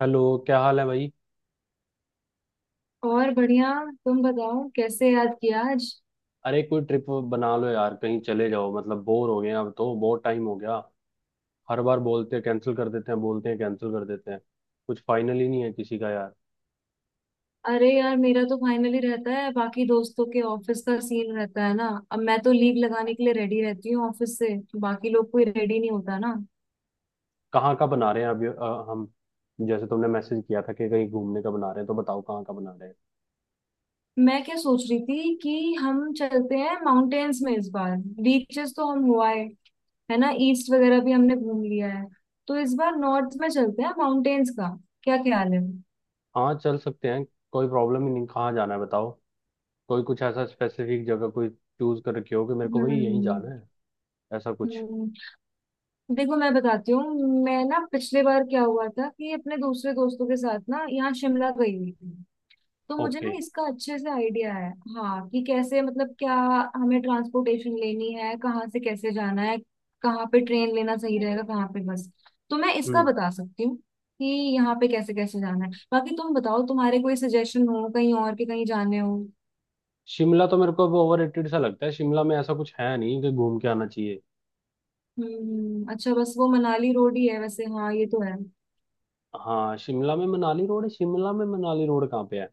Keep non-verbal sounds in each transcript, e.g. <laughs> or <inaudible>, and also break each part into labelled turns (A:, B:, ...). A: Hello, क्या हाल है भाई?
B: और बढ़िया। तुम बताओ कैसे याद किया आज?
A: अरे कोई ट्रिप बना लो यार, कहीं चले जाओ, मतलब बोर हो गए हैं, अब तो बहुत टाइम हो गया। हर बार बोलते हैं कैंसिल कर देते हैं, बोलते हैं कैंसिल कर देते हैं, कुछ फाइनल ही नहीं है किसी का यार।
B: अरे यार मेरा तो फाइनली रहता है, बाकी दोस्तों के ऑफिस का सीन रहता है ना, अब मैं तो लीव लगाने के लिए रेडी रहती हूँ ऑफिस से। बाकी लोग कोई रेडी नहीं होता ना।
A: कहाँ का बना रहे हैं अभी, हम, जैसे तुमने मैसेज किया था कि कहीं घूमने का बना रहे हैं, तो बताओ कहाँ का बना रहे हैं?
B: मैं क्या सोच रही थी कि हम चलते हैं माउंटेन्स में इस बार। बीचेस तो हम हुआ है ना। ईस्ट वगैरह भी हमने घूम लिया है, तो इस बार नॉर्थ में चलते हैं माउंटेन्स का। क्या ख्याल है?
A: हाँ, चल सकते हैं, कोई प्रॉब्लम ही नहीं, कहाँ जाना है बताओ। कोई कुछ ऐसा स्पेसिफिक जगह कोई चूज कर रखी हो कि मेरे को भाई यहीं
B: हम्म।
A: जाना है, ऐसा कुछ?
B: देखो मैं बताती हूँ। मैं ना पिछले बार क्या हुआ था कि अपने दूसरे दोस्तों के साथ ना यहाँ शिमला गई हुई थी। तो मुझे ना
A: ओके।
B: इसका अच्छे से आइडिया है। हाँ, कि कैसे मतलब क्या, हमें ट्रांसपोर्टेशन लेनी है, कहाँ से कैसे जाना है, कहाँ पे ट्रेन लेना सही रहेगा,
A: हम्म
B: कहाँ पे बस। तो मैं इसका बता सकती हूँ कि यहाँ पे कैसे कैसे जाना है। बाकी तुम बताओ तुम्हारे कोई सजेशन हो कहीं और के, कहीं जाने हो।
A: शिमला तो मेरे को वो ओवररेटेड सा लगता है, शिमला में ऐसा कुछ है नहीं कि घूम के आना चाहिए।
B: अच्छा, बस वो मनाली रोड ही है वैसे। हाँ, ये तो है।
A: हाँ, शिमला में मनाली रोड है? शिमला में मनाली रोड कहाँ पे है?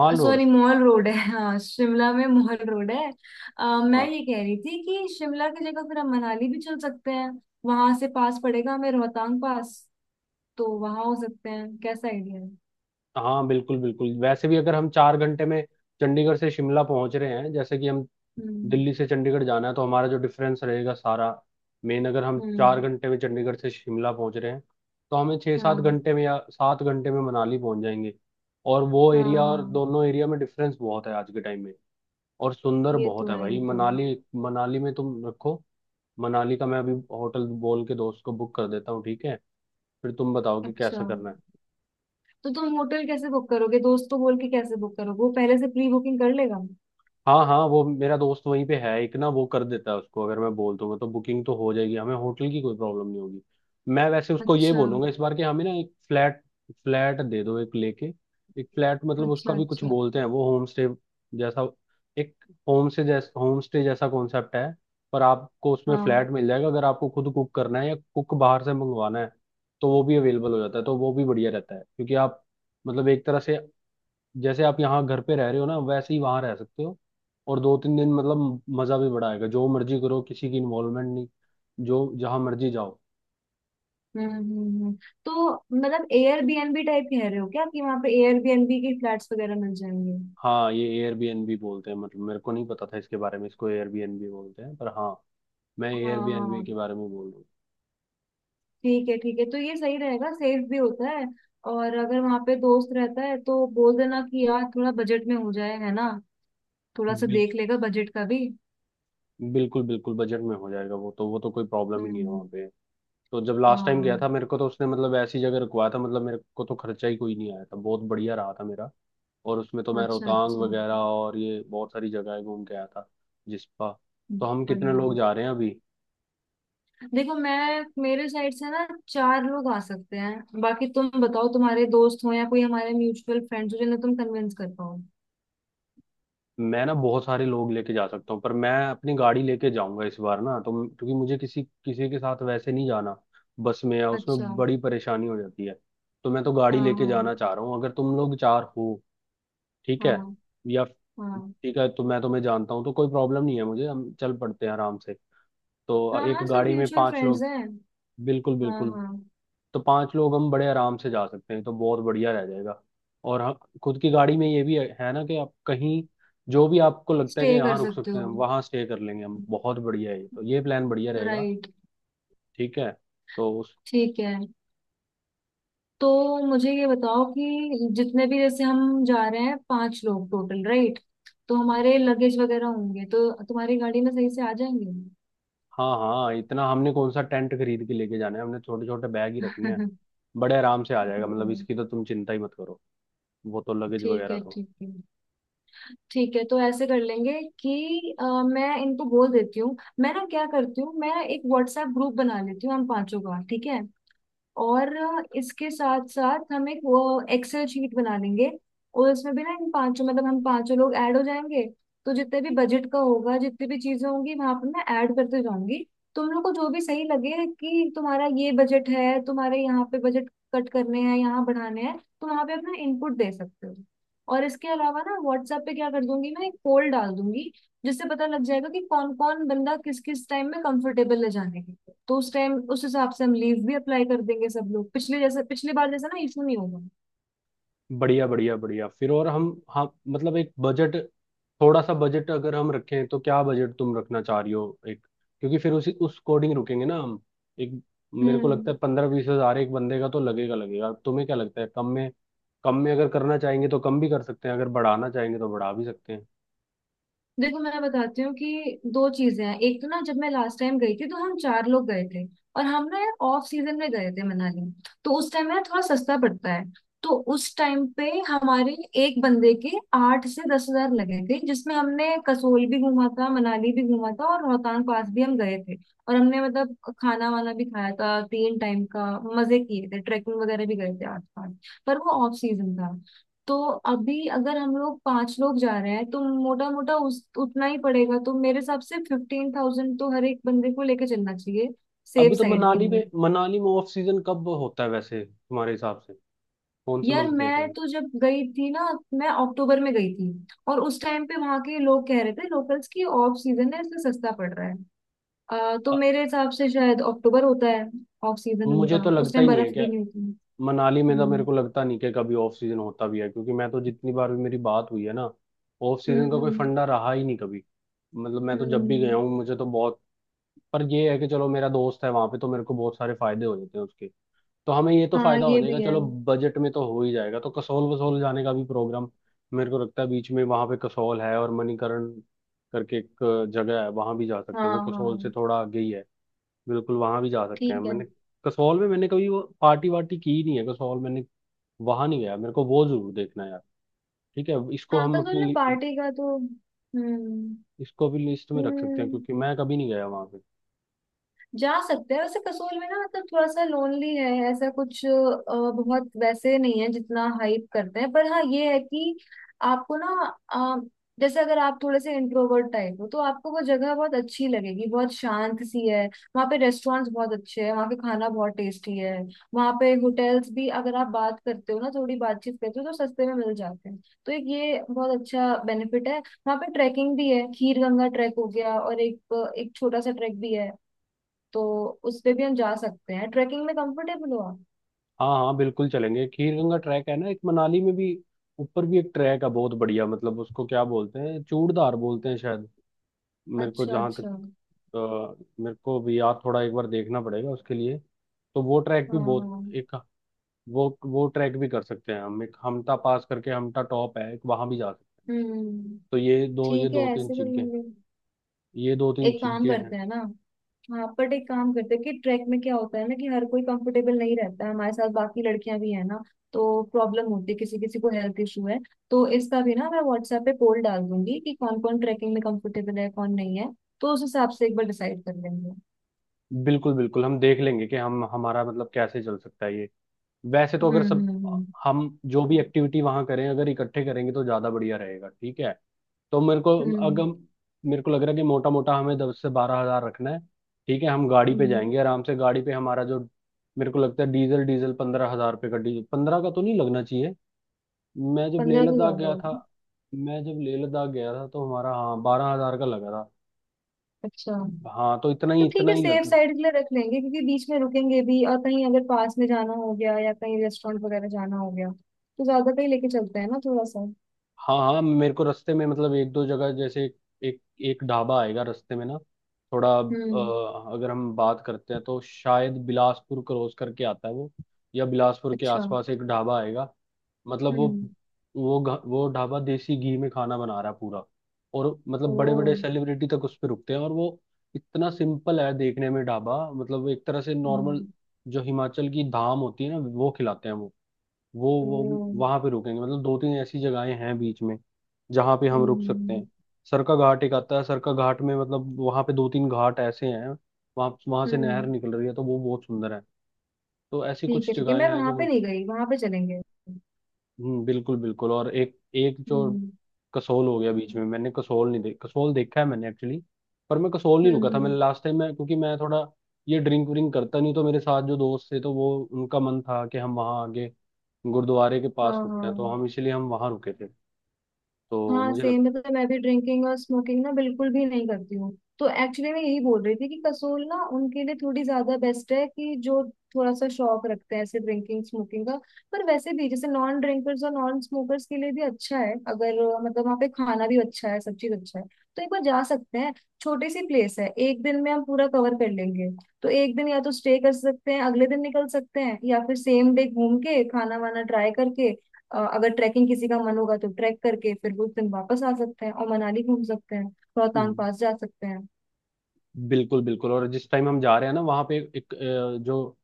A: Mall road.
B: Sorry, mall road है, हाँ शिमला में मॉल रोड है। अ, मैं
A: हाँ
B: ये कह रही थी कि शिमला की जगह फिर हम मनाली भी चल सकते हैं। वहां से पास पड़ेगा हमें रोहतांग पास, तो वहां हो सकते हैं। कैसा आइडिया है?
A: हाँ, बिल्कुल बिल्कुल, वैसे भी अगर हम 4 घंटे में चंडीगढ़ से शिमला पहुंच रहे हैं, जैसे कि हम
B: हम्म
A: दिल्ली से चंडीगढ़ जाना है, तो हमारा जो डिफरेंस रहेगा सारा, मेन, अगर हम चार
B: हम्म
A: घंटे में चंडीगढ़ से शिमला पहुंच रहे हैं तो हमें छः सात
B: हाँ
A: घंटे में या 7 घंटे में मनाली पहुंच जाएंगे। और वो
B: हाँ।
A: एरिया
B: हाँ
A: और दोनों एरिया में डिफरेंस बहुत है आज के टाइम में, और सुंदर
B: ये तो
A: बहुत है
B: है, ये
A: भाई
B: तो है।
A: मनाली। मनाली में तुम रखो, मनाली का मैं अभी होटल बोल के दोस्त को बुक कर देता हूँ, ठीक है? फिर तुम बताओ कि
B: अच्छा,
A: कैसा करना है।
B: तो तुम होटल कैसे बुक करोगे? दोस्त को बोल के कैसे बुक करोगे? वो पहले से प्री बुकिंग कर लेगा?
A: हाँ हाँ, वो मेरा दोस्त वहीं पे है एक ना, वो कर देता है, उसको अगर मैं बोल दूंगा तो बुकिंग तो हो जाएगी, हमें होटल की कोई प्रॉब्लम नहीं होगी। मैं वैसे उसको ये
B: अच्छा
A: बोलूंगा इस बार कि हमें ना एक फ्लैट फ्लैट दे दो एक लेके, एक फ्लैट, मतलब उसका
B: अच्छा
A: भी कुछ
B: अच्छा
A: बोलते हैं, वो होम स्टे जैसा। एक होम स्टे जैसा कॉन्सेप्ट है, पर आपको उसमें
B: हाँ
A: फ्लैट मिल जाएगा, अगर आपको खुद कुक करना है या कुक बाहर से मंगवाना है तो वो भी अवेलेबल हो जाता है। तो वो भी बढ़िया रहता है, क्योंकि आप, मतलब एक तरह से जैसे आप यहाँ घर पे रह रहे हो ना, वैसे ही वहां रह सकते हो। और 2-3 दिन, मतलब मजा भी बड़ा आएगा, जो मर्जी करो, किसी की इन्वॉल्वमेंट नहीं, जो जहां मर्जी जाओ।
B: हम्म हम्म, हम्म। तो मतलब एयरबीएनबी टाइप कह रहे हो क्या, कि वहां पे एयरबीएनबी के फ्लैट्स वगैरह मिल जाएंगे?
A: हाँ, ये एयरबीएनबी बोलते हैं? मतलब मेरे को नहीं पता था इसके बारे में, इसको एयरबीएनबी बोलते हैं, पर हाँ, मैं एयरबीएनबी के
B: हाँ,
A: बारे में बोल रहा
B: ठीक है ठीक है, तो ये सही रहेगा, सेफ भी होता है। और अगर वहां पे दोस्त रहता है तो बोल देना कि यार थोड़ा बजट में हो जाए, है ना। थोड़ा
A: हूँ।
B: सा देख लेगा बजट का भी।
A: बिल्कुल बिल्कुल, बजट में हो जाएगा, वो तो कोई प्रॉब्लम ही नहीं है
B: हम्म
A: वहाँ पे। तो जब लास्ट टाइम गया था
B: हाँ
A: मेरे को, तो उसने मतलब ऐसी जगह रुकवाया था, मतलब मेरे को तो खर्चा ही कोई नहीं आया था, बहुत बढ़िया रहा था मेरा, और उसमें तो मैं
B: अच्छा
A: रोहतांग
B: अच्छा
A: वगैरह और ये बहुत सारी जगहें घूम के आया था, जिसपा। तो हम कितने
B: बढ़िया।
A: लोग जा रहे हैं अभी?
B: देखो, मैं मेरे साइड से ना चार लोग आ सकते हैं। बाकी तुम बताओ तुम्हारे दोस्त हो या कोई हमारे म्यूचुअल फ्रेंड्स हो जिन्हें तुम कन्विंस कर पाओ।
A: मैं ना बहुत सारे लोग लेके जा सकता हूँ, पर मैं अपनी गाड़ी लेके जाऊंगा इस बार ना, तो क्योंकि मुझे किसी किसी के साथ वैसे नहीं जाना, बस में या
B: अच्छा,
A: उसमें बड़ी परेशानी हो जाती है। तो मैं तो गाड़ी
B: हाँ
A: लेके
B: हाँ
A: जाना चाह रहा हूँ, अगर तुम लोग चार हो, ठीक है?
B: हाँ
A: या
B: हाँ
A: ठीक है, तो मैं तुम्हें जानता हूँ तो कोई प्रॉब्लम नहीं है मुझे, हम चल पड़ते हैं आराम से। तो
B: हाँ
A: एक
B: हाँ, सब
A: गाड़ी में
B: म्यूचुअल
A: पांच
B: फ्रेंड्स
A: लोग,
B: हैं।
A: बिल्कुल
B: हाँ
A: बिल्कुल,
B: हाँ।
A: तो पांच लोग हम बड़े आराम से जा सकते हैं, तो बहुत बढ़िया रह जाएगा। और हम खुद की गाड़ी में ये भी है ना, कि आप कहीं जो भी आपको लगता है
B: स्टे
A: कि
B: कर
A: यहाँ रुक
B: सकते
A: सकते हैं
B: हो।
A: वहाँ स्टे कर लेंगे, हम बहुत बढ़िया है, ये तो ये प्लान बढ़िया रहेगा।
B: राइट।
A: ठीक है। तो उस
B: ठीक है, तो मुझे ये बताओ कि जितने भी जैसे हम जा रहे हैं, पांच लोग टोटल, राइट? तो हमारे लगेज वगैरह होंगे तो तुम्हारी गाड़ी में सही से आ जाएंगे?
A: हाँ हाँ, इतना हमने कौन सा टेंट खरीद के लेके जाना है, हमने छोटे छोटे बैग ही रखने हैं, बड़े आराम से आ जाएगा, मतलब इसकी तो तुम चिंता ही मत करो, वो तो
B: <laughs>
A: लगेज
B: ठीक
A: वगैरह
B: है
A: तो।
B: ठीक है। ठीक है तो ऐसे कर लेंगे कि मैं इनको बोल देती हूँ। मैं ना क्या करती हूँ, मैं एक व्हाट्सएप ग्रुप बना लेती हूँ हम पांचों का, ठीक है? और इसके साथ साथ हम एक वो एक्सेल शीट बना लेंगे। और उसमें भी ना इन पांचों मतलब हम पांचों लोग ऐड हो जाएंगे। तो जितने भी बजट का होगा, जितनी भी चीजें होंगी वहां पर मैं ऐड करते जाऊंगी। तुम लोग को जो भी सही लगे कि तुम्हारा ये बजट है, तुम्हारे यहाँ पे बजट कट करने हैं, यहाँ बढ़ाने हैं, तो वहां पे अपना इनपुट दे सकते हो। और इसके अलावा ना व्हाट्सएप पे क्या कर दूंगी, मैं एक पोल डाल दूंगी, जिससे पता लग जाएगा कि कौन कौन बंदा किस किस टाइम में कंफर्टेबल है जाने के लिए। तो उस टाइम उस हिसाब से हम लीव भी अप्लाई कर देंगे सब लोग। पिछले जैसे पिछली बार जैसा ना इशू नहीं होगा।
A: बढ़िया बढ़िया बढ़िया, फिर और हम, हाँ मतलब एक बजट, थोड़ा सा बजट अगर हम रखें तो क्या बजट तुम रखना चाह रही हो, एक, क्योंकि फिर उसी उस अकॉर्डिंग रुकेंगे ना हम, एक। मेरे को
B: हम्म।
A: लगता है 15-20 हजार एक बंदे का तो लगेगा, तुम्हें क्या लगता है? कम में, अगर करना चाहेंगे तो कम भी कर सकते हैं, अगर बढ़ाना चाहेंगे तो बढ़ा भी सकते हैं।
B: देखो मैं बताती हूँ कि दो चीजें हैं। एक तो ना जब मैं लास्ट टाइम गई थी तो हम चार लोग गए थे। और हम ना यार ऑफ सीजन में गए थे मनाली। तो उस टाइम ना थोड़ा सस्ता पड़ता है। तो उस टाइम पे हमारे एक बंदे के 8 से 10 हज़ार लगे थे, जिसमें हमने कसोल भी घूमा था, मनाली भी घूमा था और रोहतांग पास भी हम गए थे। और हमने मतलब खाना वाना भी खाया था 3 टाइम का। मजे किए थे, ट्रैकिंग वगैरह भी गए थे आस पास। पर वो ऑफ सीजन था। तो अभी अगर हम लोग पांच लोग जा रहे हैं तो मोटा मोटा उस उतना ही पड़ेगा। तो मेरे हिसाब से 15,000 तो हर एक बंदे को लेके चलना चाहिए,
A: अभी
B: सेफ
A: तो
B: साइड के
A: मनाली
B: लिए।
A: में मनाली में ऑफ सीजन कब होता है वैसे तुम्हारे हिसाब से, कौन से
B: यार
A: मंथ गए
B: मैं
A: थे?
B: तो जब गई थी ना, मैं अक्टूबर में गई थी। और उस टाइम पे वहां के लोग कह रहे थे लोकल्स की, ऑफ सीजन है इसलिए सस्ता पड़ रहा है। तो
A: अ,
B: मेरे हिसाब से शायद अक्टूबर होता है ऑफ सीजन
A: मुझे
B: उनका।
A: तो
B: उस
A: लगता
B: टाइम
A: ही नहीं है
B: बर्फ भी
A: कि
B: नहीं होती।
A: मनाली में, तो मेरे
B: हम्म
A: को लगता नहीं कि कभी ऑफ सीजन होता भी है, क्योंकि मैं तो जितनी बार भी मेरी बात हुई है ना, ऑफ
B: हम्म
A: सीजन का कोई
B: हम्म
A: फंडा रहा ही नहीं कभी। मतलब मैं तो जब भी गया
B: हम्म।
A: हूँ मुझे तो बहुत, पर ये है कि चलो, मेरा दोस्त है वहां पे तो मेरे को बहुत सारे फायदे हो जाते हैं उसके, तो हमें ये तो
B: हाँ
A: फायदा हो
B: ये
A: जाएगा
B: भी है।
A: चलो। बजट में तो हो ही जाएगा, तो कसौल वसौल जाने का भी प्रोग्राम, मेरे को लगता है बीच में वहां पे कसौल है और मणिकरण करके एक जगह है, वहां भी जा सकते हैं,
B: हाँ
A: वो कसौल से
B: हाँ
A: थोड़ा आगे ही है, बिल्कुल वहां भी जा सकते हैं।
B: ठीक है।
A: मैंने कसौल में मैंने कभी वो पार्टी वार्टी की नहीं है, कसौल मैंने वहां नहीं गया, मेरे को वो जरूर देखना है यार। ठीक है, इसको
B: हाँ,
A: हम
B: कंसोल ने पार्टी का तो हम्म।
A: इसको भी लिस्ट में रख सकते हैं
B: हम्म,
A: क्योंकि मैं कभी नहीं गया वहां पे।
B: जा सकते हैं वैसे। कसोल में ना मतलब थोड़ा सा लोनली है ऐसा कुछ। बहुत वैसे नहीं है जितना हाइप करते हैं, पर हाँ ये है कि आपको ना अ, जैसे अगर आप थोड़े से इंट्रोवर्ट टाइप हो तो आपको वो जगह बहुत अच्छी लगेगी, बहुत शांत सी है। वहाँ पे रेस्टोरेंट्स बहुत अच्छे हैं, वहाँ पे खाना बहुत टेस्टी है। वहाँ पे होटल्स भी, अगर आप बात करते हो ना, थोड़ी बातचीत करते हो तो सस्ते में मिल जाते हैं। तो एक ये बहुत अच्छा बेनिफिट है। वहाँ पे ट्रैकिंग भी है, खीर गंगा ट्रैक हो गया और एक एक छोटा सा ट्रैक भी है। तो उस पे भी हम जा सकते हैं। ट्रैकिंग में कंफर्टेबल हो आप?
A: हाँ हाँ बिल्कुल चलेंगे, खीर गंगा ट्रैक है ना एक मनाली में भी, ऊपर भी एक ट्रैक है बहुत बढ़िया, मतलब उसको क्या बोलते हैं, चूड़धार बोलते हैं शायद, मेरे को
B: अच्छा
A: जहाँ तक,
B: अच्छा
A: अ, मेरे को भी याद, थोड़ा एक बार देखना पड़ेगा उसके लिए। तो वो ट्रैक भी
B: हाँ
A: बहुत,
B: हाँ
A: एक, वो ट्रैक भी कर सकते हैं हम, एक हमटा पास करके हमटा टॉप है एक, वहां भी जा सकते हैं।
B: हम्म
A: तो
B: ठीक है ऐसे कर लेंगे।
A: ये दो तीन
B: एक काम
A: चीजें हैं।
B: करते हैं ना। हाँ, बट एक काम करते हैं कि ट्रैक में क्या होता है ना कि हर कोई कंफर्टेबल नहीं रहता है हमारे साथ। बाकी लड़कियां भी है ना। तो प्रॉब्लम होती है, किसी किसी को हेल्थ इशू है। तो इसका भी ना मैं व्हाट्सएप पे पोल डाल दूंगी कि कौन कौन ट्रैकिंग में कंफर्टेबल है कौन नहीं है। तो उस हिसाब से एक बार डिसाइड कर लेंगे।
A: बिल्कुल बिल्कुल, हम देख लेंगे कि हम हमारा मतलब कैसे चल सकता है ये। वैसे तो
B: हम्म
A: अगर सब,
B: हम्म हम्म
A: हम जो भी एक्टिविटी वहां करें अगर इकट्ठे करेंगे तो ज्यादा बढ़िया रहेगा, ठीक है? तो मेरे को, अगर
B: हम्म
A: मेरे को लग रहा है कि मोटा मोटा हमें 10 से 12 हजार रखना है, ठीक है? हम गाड़ी पे
B: हम्म,
A: जाएंगे आराम से, गाड़ी पे हमारा जो, मेरे को लगता है डीजल डीजल 15 हजार रुपये का, डीजल 15 का तो नहीं लगना चाहिए। मैं जब लेह
B: 15 तो
A: लद्दाख
B: ज्यादा
A: गया था,
B: होगा।
A: तो हमारा, हाँ, 12 हजार का लगा था।
B: अच्छा,
A: हाँ, तो इतना
B: तो
A: ही,
B: ठीक
A: इतना
B: है,
A: ही
B: सेफ
A: लग।
B: साइड के लिए रख लेंगे, क्योंकि बीच में रुकेंगे भी, और कहीं अगर पास में जाना हो गया या कहीं रेस्टोरेंट वगैरह जाना हो गया तो ज्यादा कहीं लेके चलते हैं ना थोड़ा सा।
A: हाँ हाँ, मेरे को रास्ते में मतलब एक दो जगह, जैसे एक एक ढाबा आएगा रास्ते में ना, थोड़ा,
B: हम्म
A: अगर हम बात करते हैं तो शायद बिलासपुर क्रॉस करके आता है वो, या बिलासपुर के
B: अच्छा
A: आसपास एक ढाबा आएगा, मतलब वो,
B: हम्म
A: वो ढाबा देसी घी में खाना बना रहा है पूरा। और
B: ओ
A: मतलब बड़े बड़े सेलिब्रिटी तक उस पे रुकते हैं और वो इतना सिंपल है देखने में ढाबा, मतलब एक तरह से नॉर्मल,
B: हम्म
A: जो हिमाचल की धाम होती है ना वो खिलाते हैं। वो
B: ओ
A: वो वहां पे रुकेंगे, मतलब दो तीन ऐसी जगहें हैं बीच में जहां पे हम रुक सकते
B: हम्म
A: हैं। सरका घाट एक आता है, सरका घाट में मतलब वहां पे दो तीन घाट ऐसे हैं, वहां वहां से नहर
B: हम्म।
A: निकल रही है तो वो बहुत सुंदर है। तो ऐसी
B: ठीक है
A: कुछ
B: ठीक है,
A: जगहें
B: मैं
A: हैं
B: वहां
A: जो
B: पे नहीं गई, वहां पे चलेंगे।
A: बिल्कुल बिल्कुल, और एक एक जो
B: हम्म
A: कसोल हो गया बीच में, मैंने कसोल नहीं देख, कसोल देखा है मैंने एक्चुअली, पर मैं कसोल नहीं
B: हम्म
A: रुका था मैंने
B: हम्म,
A: लास्ट टाइम, मैं, क्योंकि मैं थोड़ा ये ड्रिंक व्रिंक करता नहीं, तो मेरे साथ जो दोस्त थे तो वो उनका मन था कि हम वहाँ आगे गुरुद्वारे के
B: हाँ
A: पास रुकते
B: हाँ
A: हैं, तो हम इसीलिए हम वहाँ रुके थे। तो
B: हाँ,
A: मुझे लग।
B: सेम मतलब मैं भी ड्रिंकिंग और स्मोकिंग ना बिल्कुल भी नहीं करती हूँ। तो एक्चुअली मैं यही बोल रही थी कि कसोल ना उनके लिए थोड़ी ज्यादा बेस्ट है, कि जो थोड़ा सा शौक रखते हैं ऐसे ड्रिंकिंग स्मोकिंग का। पर वैसे भी, जैसे नॉन ड्रिंकर्स और नॉन स्मोकर्स के लिए भी अच्छा है, अगर मतलब वहाँ पे खाना भी अच्छा है, सब चीज अच्छा है। तो एक बार जा सकते हैं। छोटी सी प्लेस है, एक दिन में हम पूरा कवर कर लेंगे। तो एक दिन या तो स्टे कर सकते हैं, अगले दिन निकल सकते हैं, या फिर सेम डे घूम के खाना वाना ट्राई करके अगर ट्रैकिंग किसी का मन होगा तो ट्रैक करके फिर उस दिन वापस आ सकते हैं और मनाली घूम सकते हैं, रोहतांग पास जा सकते हैं।
A: बिल्कुल बिल्कुल, और जिस टाइम हम जा रहे हैं ना, वहाँ पे एक, जो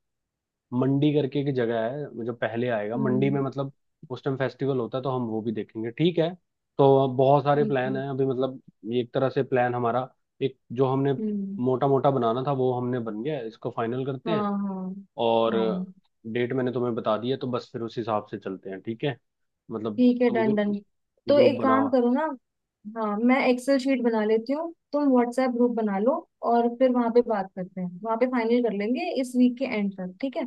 A: मंडी करके एक जगह है जो पहले आएगा मंडी में,
B: हम्म
A: मतलब उस टाइम फेस्टिवल होता है तो हम वो भी देखेंगे, ठीक है? तो बहुत सारे
B: ठीक है
A: प्लान हैं अभी मतलब, ये एक तरह से प्लान हमारा, एक जो हमने
B: हम्म
A: मोटा मोटा बनाना था वो हमने बन गया है। इसको फाइनल करते हैं,
B: हाँ
A: और
B: हाँ हाँ
A: डेट मैंने तुम्हें बता दी है, तो बस फिर उस हिसाब से चलते हैं ठीक है? मतलब
B: ठीक है,
A: तुम
B: डन डन।
A: ग्रुप
B: तो
A: ग्रुप
B: एक
A: बनाओ।
B: काम करो ना। हाँ, मैं एक्सेल शीट बना लेती हूँ, तुम व्हाट्सएप ग्रुप बना लो। और फिर वहां पे बात करते हैं, वहां पे फाइनल कर लेंगे इस वीक के एंड तक, ठीक है।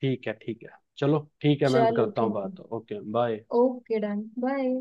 A: ठीक है ठीक है, चलो ठीक है, मैं
B: चलो
A: करता हूँ
B: ठीक है,
A: बात, okay bye.
B: Okay done bye.